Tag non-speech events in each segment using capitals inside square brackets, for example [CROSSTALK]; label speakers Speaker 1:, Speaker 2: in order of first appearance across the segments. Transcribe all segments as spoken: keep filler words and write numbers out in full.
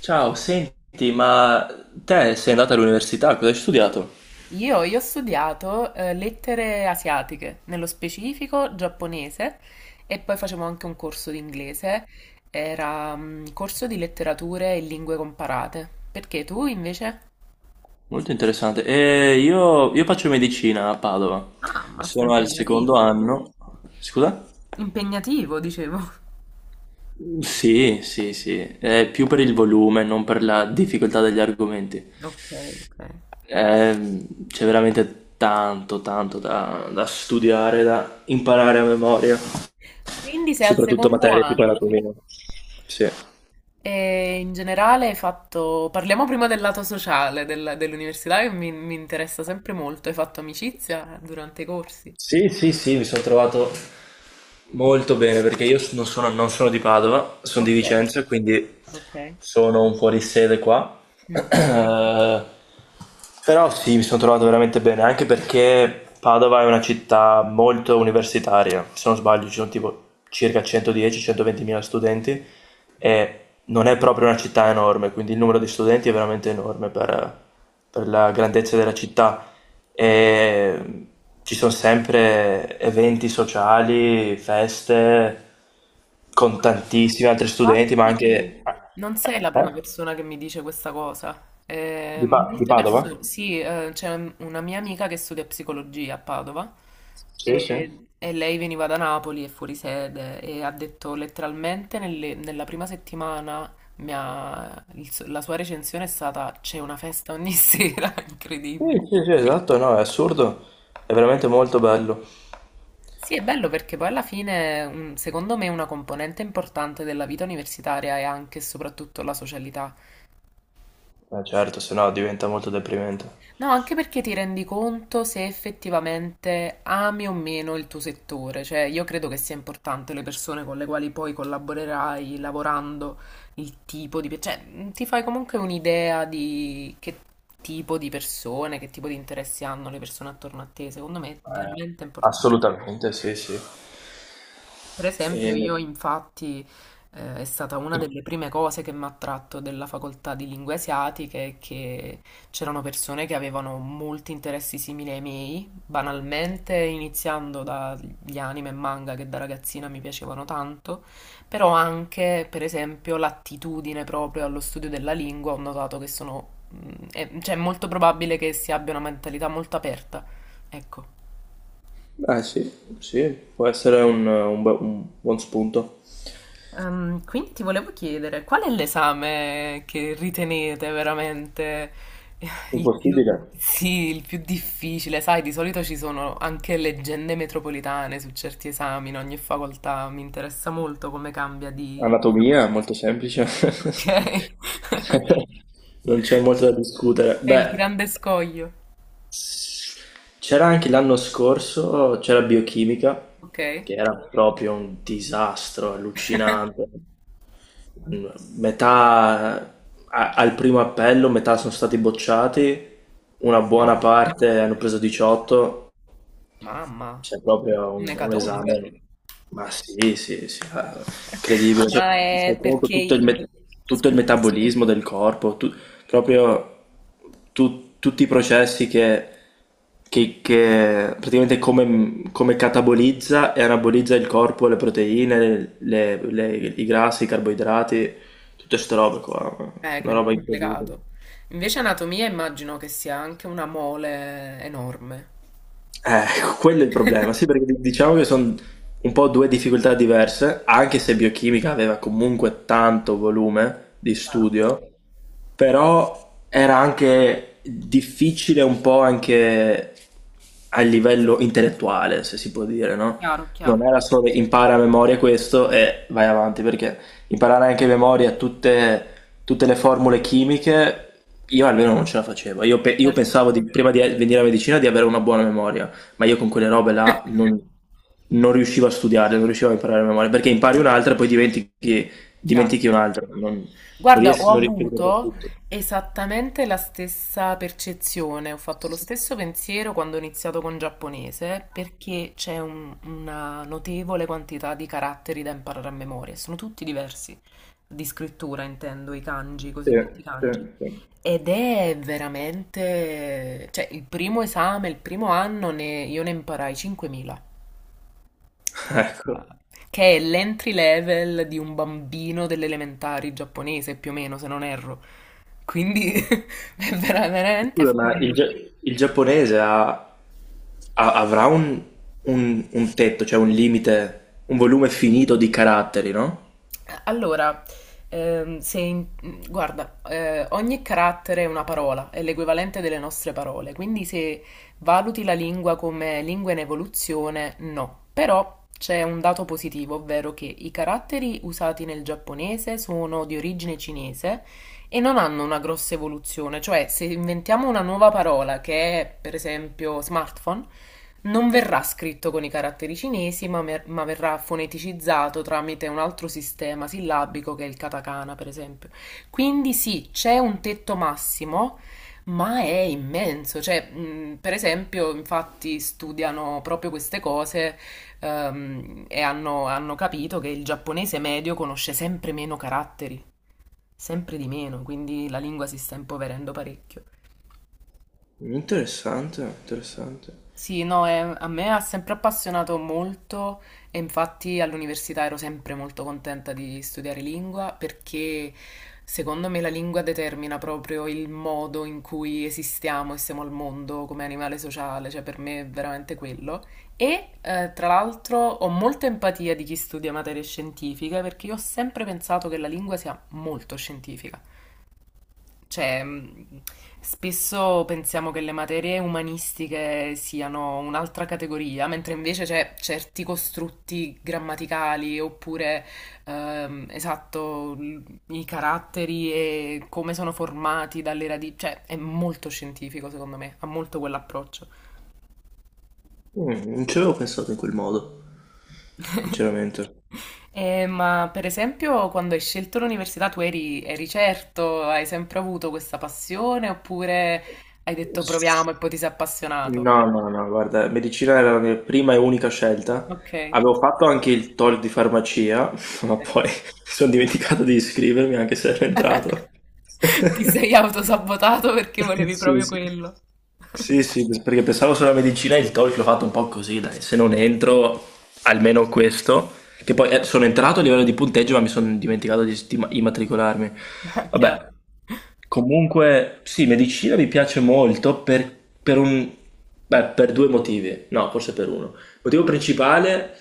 Speaker 1: Ciao, senti, ma te sei andata all'università, cosa hai studiato?
Speaker 2: Io, io ho studiato eh, lettere asiatiche, nello specifico giapponese, e poi facevo anche un corso di inglese, era un corso di letterature e lingue comparate. Perché tu invece?
Speaker 1: Molto interessante. E io, io faccio medicina a Padova,
Speaker 2: Ah, ma sta
Speaker 1: sono al secondo
Speaker 2: impegnativo.
Speaker 1: anno. Scusa?
Speaker 2: Impegnativo, dicevo. [LAUGHS]
Speaker 1: Mm, sì, sì, sì, è più per il volume, non per la difficoltà degli argomenti.
Speaker 2: Ok, ok.
Speaker 1: Ehm, c'è veramente tanto, tanto da, da studiare, da imparare a memoria,
Speaker 2: Quindi sei al
Speaker 1: soprattutto
Speaker 2: secondo
Speaker 1: materie tipo
Speaker 2: anno.
Speaker 1: anatomia. Sì.
Speaker 2: E in generale hai fatto... Parliamo prima del lato sociale della- dell'università che mi, mi interessa sempre molto. Hai fatto amicizia durante i corsi?
Speaker 1: Sì, sì, sì, mi sono trovato molto bene perché io non sono, non sono di Padova, sono di
Speaker 2: Ok.
Speaker 1: Vicenza, quindi
Speaker 2: Okay.
Speaker 1: sono un fuorisede qua.
Speaker 2: Mh-mh.
Speaker 1: [CLEARS THROAT] Eh, Però sì, mi sono trovato veramente bene, anche perché Padova è una città molto universitaria. Se non sbaglio, ci sono tipo circa centodieci centoventi mila studenti e non è proprio una città enorme, quindi il numero di studenti è veramente enorme per per la grandezza della città e ci sono sempre eventi sociali, feste con tantissimi altri studenti, ma anche.
Speaker 2: Infatti non sei la prima
Speaker 1: Eh?
Speaker 2: persona che mi dice questa cosa. Eh,
Speaker 1: Di, Pa- di
Speaker 2: molte
Speaker 1: Padova?
Speaker 2: perso sì, ehm, c'è una mia amica che studia psicologia a Padova
Speaker 1: Sì, sì.
Speaker 2: e, e lei veniva da Napoli, è fuori sede e ha detto letteralmente nelle- nella prima settimana mi ha- il su- la sua recensione è stata c'è una festa ogni [LAUGHS] sera,
Speaker 1: Sì,
Speaker 2: incredibile.
Speaker 1: sì, sì, esatto, no, è assurdo, è veramente molto bello.
Speaker 2: Sì, è bello perché poi alla fine, un- secondo me, una componente importante della vita universitaria è anche e soprattutto la socialità.
Speaker 1: Eh, certo, se no diventa molto deprimente.
Speaker 2: No, anche perché ti rendi conto se effettivamente ami o meno il tuo settore. Cioè, io credo che sia importante le persone con le quali poi collaborerai lavorando, il tipo di... pe- Cioè, mh, ti fai comunque un'idea di che tipo di persone, che tipo di interessi hanno le persone attorno a te. Secondo me è
Speaker 1: Eh,
Speaker 2: veramente importante.
Speaker 1: Assolutamente, sì, sì.
Speaker 2: Per esempio,
Speaker 1: E-
Speaker 2: io infatti eh, è stata una delle prime cose che mi ha attratto della facoltà di lingue asiatiche è che c'erano persone che avevano molti interessi simili ai miei, banalmente iniziando dagli anime e manga che da ragazzina mi piacevano tanto, però anche, per esempio, l'attitudine proprio allo studio della lingua, ho notato che sono, mm, è- cioè, è molto probabile che si abbia una mentalità molto aperta. Ecco.
Speaker 1: Eh, sì, sì, può essere un, un bu- un buon spunto.
Speaker 2: Ehm, quindi ti volevo chiedere, qual è l'esame che ritenete veramente [LAUGHS] il più,
Speaker 1: Impossibile.
Speaker 2: sì, il più difficile? Sai, di solito ci sono anche leggende metropolitane su certi esami in ogni facoltà, mi interessa molto come cambia di...
Speaker 1: Anatomia, molto semplice. [LAUGHS]
Speaker 2: Ok,
Speaker 1: Non c'è molto da discutere.
Speaker 2: [LAUGHS] è il
Speaker 1: Beh,
Speaker 2: grande scoglio.
Speaker 1: c'era anche l'anno scorso, c'era biochimica,
Speaker 2: Ok.
Speaker 1: che era proprio un disastro allucinante.
Speaker 2: [LAUGHS]
Speaker 1: Metà a- al primo appello, metà sono stati bocciati, una buona
Speaker 2: Mamma,
Speaker 1: parte hanno preso diciotto.
Speaker 2: mamma,
Speaker 1: C'è proprio un, un
Speaker 2: un'ecatombe.
Speaker 1: esame, ma sì, sì, sì, ah,
Speaker 2: [LAUGHS]
Speaker 1: incredibile, cioè,
Speaker 2: Ma
Speaker 1: fai
Speaker 2: è
Speaker 1: conto tutto
Speaker 2: perché...
Speaker 1: il, me- tutto il
Speaker 2: Scusa.
Speaker 1: metabolismo del corpo, tu- proprio tu- tutti i processi che, che- che praticamente come, come catabolizza e anabolizza il corpo, le proteine, le- le- i grassi, i carboidrati, tutte queste robe qua,
Speaker 2: Eh,
Speaker 1: una
Speaker 2: quindi è
Speaker 1: roba incredibile.
Speaker 2: complicato. Invece anatomia immagino che sia anche una mole enorme.
Speaker 1: Eh, [LAUGHS] quello è il problema, sì,
Speaker 2: [LAUGHS]
Speaker 1: perché di- diciamo che sono un po' due difficoltà diverse, anche se biochimica aveva comunque tanto volume di
Speaker 2: Chiaro,
Speaker 1: studio, però era anche difficile un po' anche a livello intellettuale, se si può dire, no?
Speaker 2: chiaro,
Speaker 1: Non
Speaker 2: chiaro.
Speaker 1: era solo impara a memoria questo e vai avanti, perché imparare anche a memoria tutte, tutte le formule chimiche, io almeno non ce la facevo. Io, pe- io
Speaker 2: Certo.
Speaker 1: pensavo di- prima di venire a medicina di avere una buona memoria, ma io con quelle robe là
Speaker 2: [LAUGHS]
Speaker 1: non, non riuscivo a studiarle, non riuscivo a imparare a memoria, perché impari un'altra e poi dimentichi,
Speaker 2: Chiaro.
Speaker 1: dimentichi un'altra. Non- non
Speaker 2: Guarda, ho
Speaker 1: riesco, non riesco a ricordare
Speaker 2: avuto
Speaker 1: tutto.
Speaker 2: esattamente la stessa percezione, ho fatto lo stesso pensiero quando ho iniziato con giapponese, perché c'è un- una notevole quantità di caratteri da imparare a memoria, e sono tutti diversi, di scrittura intendo, i kanji, i
Speaker 1: Sì,
Speaker 2: cosiddetti
Speaker 1: sì,
Speaker 2: kanji.
Speaker 1: sì.
Speaker 2: Ed è veramente, cioè il primo esame, il primo anno ne- io ne imparai cinquemila,
Speaker 1: [LAUGHS]
Speaker 2: che
Speaker 1: Ecco.
Speaker 2: che è l'entry level di un bambino delle elementari giapponese più o meno, se non erro. Quindi [LAUGHS] è veramente...
Speaker 1: Scusa,
Speaker 2: fu-
Speaker 1: ma il, gia- il giapponese ha- ha- avrà un, un- un tetto, cioè un limite, un volume finito di caratteri, no?
Speaker 2: Allora, ehm, se in- guarda, eh, ogni carattere è una parola, è l'equivalente delle nostre parole, quindi se valuti la lingua come lingua in evoluzione, no. Però c'è un dato positivo, ovvero che i caratteri usati nel giapponese sono di origine cinese e non hanno una grossa evoluzione, cioè se inventiamo una nuova parola che è per esempio smartphone, non verrà scritto con i caratteri cinesi, ma, mer- ma verrà foneticizzato tramite un altro sistema sillabico che è il katakana, per esempio. Quindi sì, c'è un tetto massimo, ma è immenso. Cioè, mh, per esempio, infatti studiano proprio queste cose, ehm, e hanno hanno capito che il giapponese medio conosce sempre meno caratteri sempre di meno, quindi la lingua si sta impoverendo parecchio.
Speaker 1: Interessante, interessante.
Speaker 2: Sì, no, è- a me ha sempre appassionato molto e infatti all'università ero sempre molto contenta di studiare lingua perché secondo me la lingua determina proprio il modo in cui esistiamo e siamo al mondo come animale sociale, cioè per me è veramente quello. E eh, tra l'altro ho molta empatia di chi studia materie scientifiche perché io ho sempre pensato che la lingua sia molto scientifica. Cioè, mh, spesso pensiamo che le materie umanistiche siano un'altra categoria, mentre invece c'è certi costrutti grammaticali oppure, ehm, esatto, l- i caratteri e come sono formati dalle radici. Cioè, è molto scientifico, secondo me, ha molto quell'approccio.
Speaker 1: Mm, non ci avevo pensato in quel modo, sinceramente.
Speaker 2: Eh, ma per esempio, quando hai scelto l'università, tu eri, eri certo, hai sempre avuto questa passione oppure hai detto proviamo e poi ti sei appassionato?
Speaker 1: No, no, no, guarda, medicina era la mia prima e unica scelta.
Speaker 2: Ok.
Speaker 1: Avevo fatto anche il TOEIC di farmacia, [LAUGHS] ma poi mi sono dimenticato di iscrivermi anche se ero entrato.
Speaker 2: [LAUGHS] Ti
Speaker 1: [LAUGHS]
Speaker 2: sei autosabotato perché volevi
Speaker 1: Sì,
Speaker 2: proprio
Speaker 1: sì.
Speaker 2: quello.
Speaker 1: Sì, sì, perché pensavo solo alla medicina e il TOEIC l'ho fatto un po' così, dai, se non entro, almeno questo, che poi eh, sono entrato a livello di punteggio, ma mi sono dimenticato di, di immatricolarmi.
Speaker 2: [LAUGHS] Chiaro.
Speaker 1: Vabbè. Comunque, sì, medicina mi piace molto per, per un, beh, per due motivi, no, forse per uno. Il motivo principale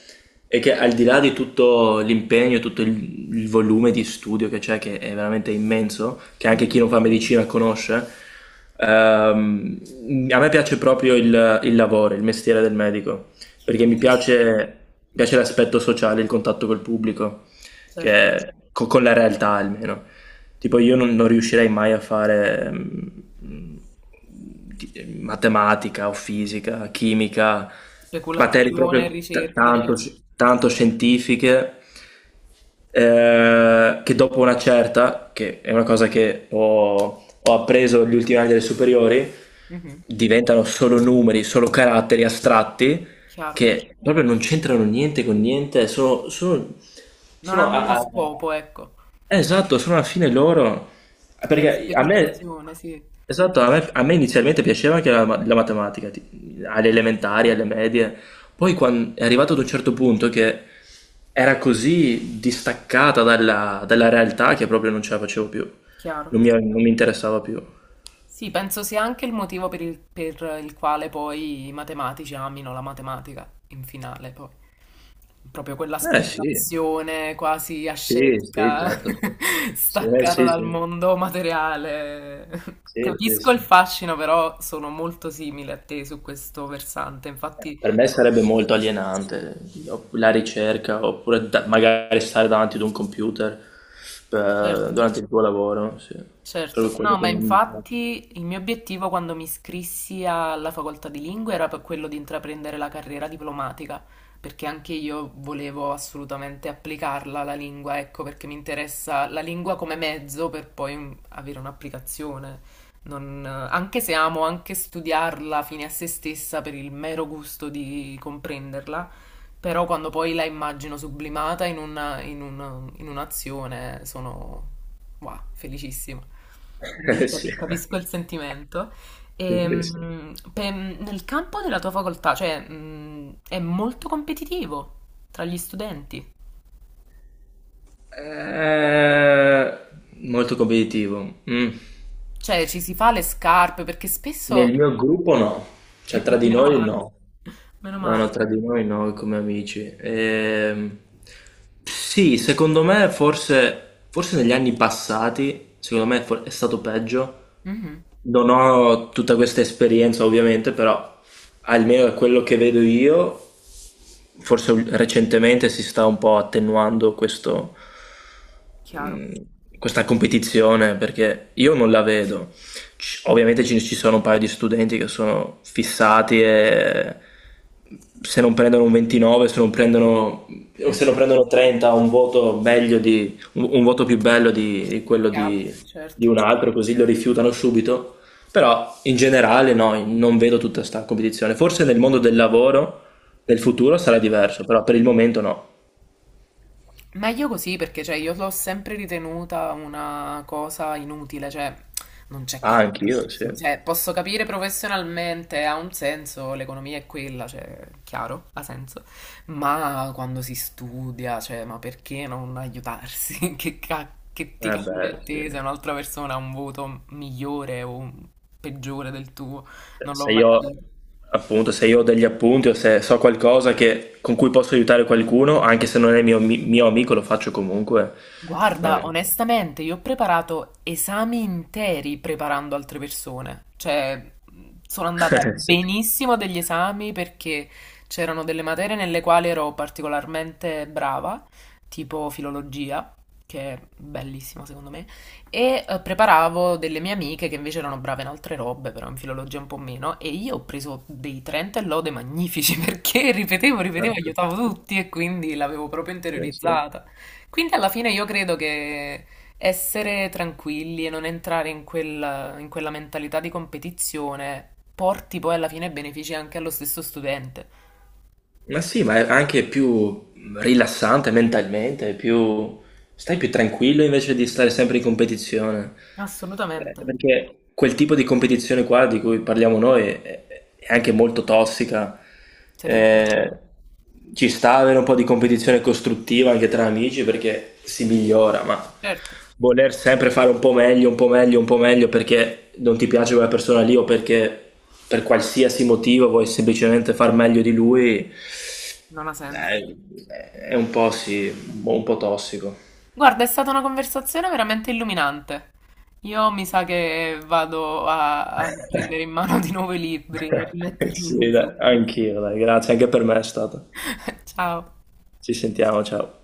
Speaker 1: è che al di là di tutto l'impegno, tutto il, il volume di studio che c'è, che è veramente immenso, che anche chi
Speaker 2: Mhm.
Speaker 1: non fa medicina conosce, ehm, a me piace proprio il, il lavoro, il mestiere del medico perché mi
Speaker 2: Bellissimo.
Speaker 1: piace, mi piace l'aspetto sociale, il contatto col pubblico, che
Speaker 2: Certo.
Speaker 1: è- co- con la realtà almeno. Tipo io non, non riuscirei mai a fare mm, di- matematica o fisica, chimica, materie
Speaker 2: Speculazione,
Speaker 1: proprio t-
Speaker 2: ricerca,
Speaker 1: tanto,
Speaker 2: certo.
Speaker 1: tanto scientifiche eh, che dopo una certa, che è una cosa che ho, ho appreso gli ultimi anni delle superiori,
Speaker 2: Mhm.
Speaker 1: diventano solo numeri, solo caratteri astratti
Speaker 2: Chiaro.
Speaker 1: che proprio non c'entrano niente con niente, sono, sono,
Speaker 2: Non
Speaker 1: sono
Speaker 2: hanno uno
Speaker 1: a- a-
Speaker 2: scopo, ecco.
Speaker 1: eh, esatto, sono alla fine loro. Ah,
Speaker 2: È
Speaker 1: perché a me,
Speaker 2: speculazione, sì.
Speaker 1: esatto, a me, a me inizialmente piaceva anche la, ma- la matematica, ti- alle elementari, alle medie. Poi quan- è arrivato ad un certo punto che era così distaccata dalla, dalla realtà che proprio non ce la facevo più.
Speaker 2: Chiaro.
Speaker 1: Non mi, non mi interessava più.
Speaker 2: Sì, penso sia anche il motivo per il, per il quale poi i matematici amino la matematica in finale, poi. Proprio quella
Speaker 1: Eh sì,
Speaker 2: speculazione quasi
Speaker 1: sì, sì,
Speaker 2: ascetica,
Speaker 1: certo, sì.
Speaker 2: [LAUGHS]
Speaker 1: Sì, eh,
Speaker 2: staccata
Speaker 1: sì,
Speaker 2: dal
Speaker 1: sì,
Speaker 2: mondo materiale.
Speaker 1: sì, sì,
Speaker 2: Capisco il
Speaker 1: sì.
Speaker 2: fascino, però sono molto simile a te su questo versante. Infatti,
Speaker 1: Per me sarebbe molto
Speaker 2: sì,
Speaker 1: alienante o- la ricerca, oppure da- magari stare davanti ad un computer eh,
Speaker 2: certo.
Speaker 1: durante il tuo lavoro, sì. Proprio
Speaker 2: Certo, no,
Speaker 1: quello
Speaker 2: ma
Speaker 1: che non mi piace.
Speaker 2: infatti il mio obiettivo quando mi iscrissi alla facoltà di lingue era per quello di intraprendere la carriera diplomatica, perché anche io volevo assolutamente applicarla la lingua, ecco, perché mi interessa la lingua come mezzo per poi mm, avere un'applicazione. Non- anche se amo anche studiarla fine a se stessa per il mero gusto di comprenderla, però quando poi la immagino sublimata in, una- in un- in un'azione sono wow, felicissima.
Speaker 1: [LAUGHS]
Speaker 2: Quindi
Speaker 1: Eh, sì.
Speaker 2: capi- capisco il sentimento.
Speaker 1: Sì, sì, sì.
Speaker 2: Ehm, pe- nel campo della tua facoltà, cioè, mh, è molto competitivo tra gli studenti.
Speaker 1: Eh, molto competitivo. Mm.
Speaker 2: Cioè, ci si fa le scarpe perché spesso...
Speaker 1: Nel mio gruppo no, cioè tra
Speaker 2: [LAUGHS]
Speaker 1: di
Speaker 2: Meno
Speaker 1: noi
Speaker 2: male.
Speaker 1: no.
Speaker 2: Meno
Speaker 1: No, no,
Speaker 2: male.
Speaker 1: tra di noi no, come amici. Ehm, sì, secondo me forse, forse negli anni passati, secondo me for- è stato peggio.
Speaker 2: Mhm,
Speaker 1: Non ho tutta questa esperienza ovviamente, però almeno da quello che vedo io, forse ul- recentemente si sta un po' attenuando questo,
Speaker 2: chiaro.
Speaker 1: mh, questa competizione perché io non la vedo. Ci- ovviamente ci, ci sono un paio di studenti che sono fissati e se non prendono un ventinove, se non prendono, o se non
Speaker 2: Mhm.
Speaker 1: prendono trenta, un voto meglio di, un, un voto più bello di, di quello
Speaker 2: Gli
Speaker 1: di,
Speaker 2: altri,
Speaker 1: di
Speaker 2: certo.
Speaker 1: un altro, così lo rifiutano subito. Però in generale no, non vedo tutta questa competizione. Forse nel mondo del lavoro, nel futuro sarà
Speaker 2: Certo.
Speaker 1: diverso, però per il momento no.
Speaker 2: Ma io così perché cioè, io l'ho sempre ritenuta una cosa inutile, cioè non c'è
Speaker 1: Ah, anch'io, sì. Eh
Speaker 2: competizione. Cioè, posso capire professionalmente, ha un senso, l'economia è quella, cioè, chiaro, ha senso. Ma quando si studia, cioè, ma perché non aiutarsi? [LAUGHS] Che, ca- che ti cambia
Speaker 1: beh,
Speaker 2: a
Speaker 1: sì.
Speaker 2: te se un'altra persona ha un voto migliore o peggiore del tuo?
Speaker 1: Cioè,
Speaker 2: Non l'ho
Speaker 1: se
Speaker 2: mai
Speaker 1: io,
Speaker 2: capito.
Speaker 1: appunto, se io ho degli appunti o se so qualcosa che- con cui posso aiutare qualcuno, anche se non è mio, mi- mio amico, lo faccio comunque.
Speaker 2: Guarda,
Speaker 1: Non-
Speaker 2: onestamente, io ho preparato esami interi preparando altre persone. Cioè, sono andata
Speaker 1: [LAUGHS] Sì.
Speaker 2: benissimo degli esami perché c'erano delle materie nelle quali ero particolarmente brava, tipo filologia, che è bellissima secondo me, e eh, preparavo delle mie amiche che invece erano brave in altre robe, però in filologia un po' meno, e io ho preso dei trenta e lode magnifici [LAUGHS] perché ripetevo, ripetevo,
Speaker 1: Ecco.
Speaker 2: aiutavo tutti e quindi l'avevo proprio
Speaker 1: Eh, sì.
Speaker 2: interiorizzata. Quindi alla fine io credo che essere tranquilli e non entrare in quella, in quella mentalità di competizione porti poi alla fine benefici anche allo stesso studente.
Speaker 1: Ma sì, ma è anche più rilassante mentalmente, è più. Stai più tranquillo invece di stare sempre in competizione. Eh,
Speaker 2: Assolutamente,
Speaker 1: Perché quel tipo di competizione qua di cui parliamo noi è, è anche molto tossica.
Speaker 2: terribilmente.
Speaker 1: Eh, Ci sta avere un po' di competizione costruttiva anche tra amici perché si migliora, ma
Speaker 2: Certo,
Speaker 1: voler sempre fare un po' meglio, un po' meglio, un po' meglio perché non ti piace quella persona lì o perché per qualsiasi motivo vuoi semplicemente far meglio di lui,
Speaker 2: non ha senso.
Speaker 1: eh, è un po', sì, un po' tossico.
Speaker 2: Guarda, è stata una conversazione veramente illuminante. Io mi sa che vado a, a
Speaker 1: [LAUGHS]
Speaker 2: prendere in mano di nuovo i libri e
Speaker 1: Sì,
Speaker 2: rimettermi su.
Speaker 1: dai, anch'io, dai, grazie, anche per me è stato.
Speaker 2: [LAUGHS] Ciao.
Speaker 1: Ci sentiamo, ciao.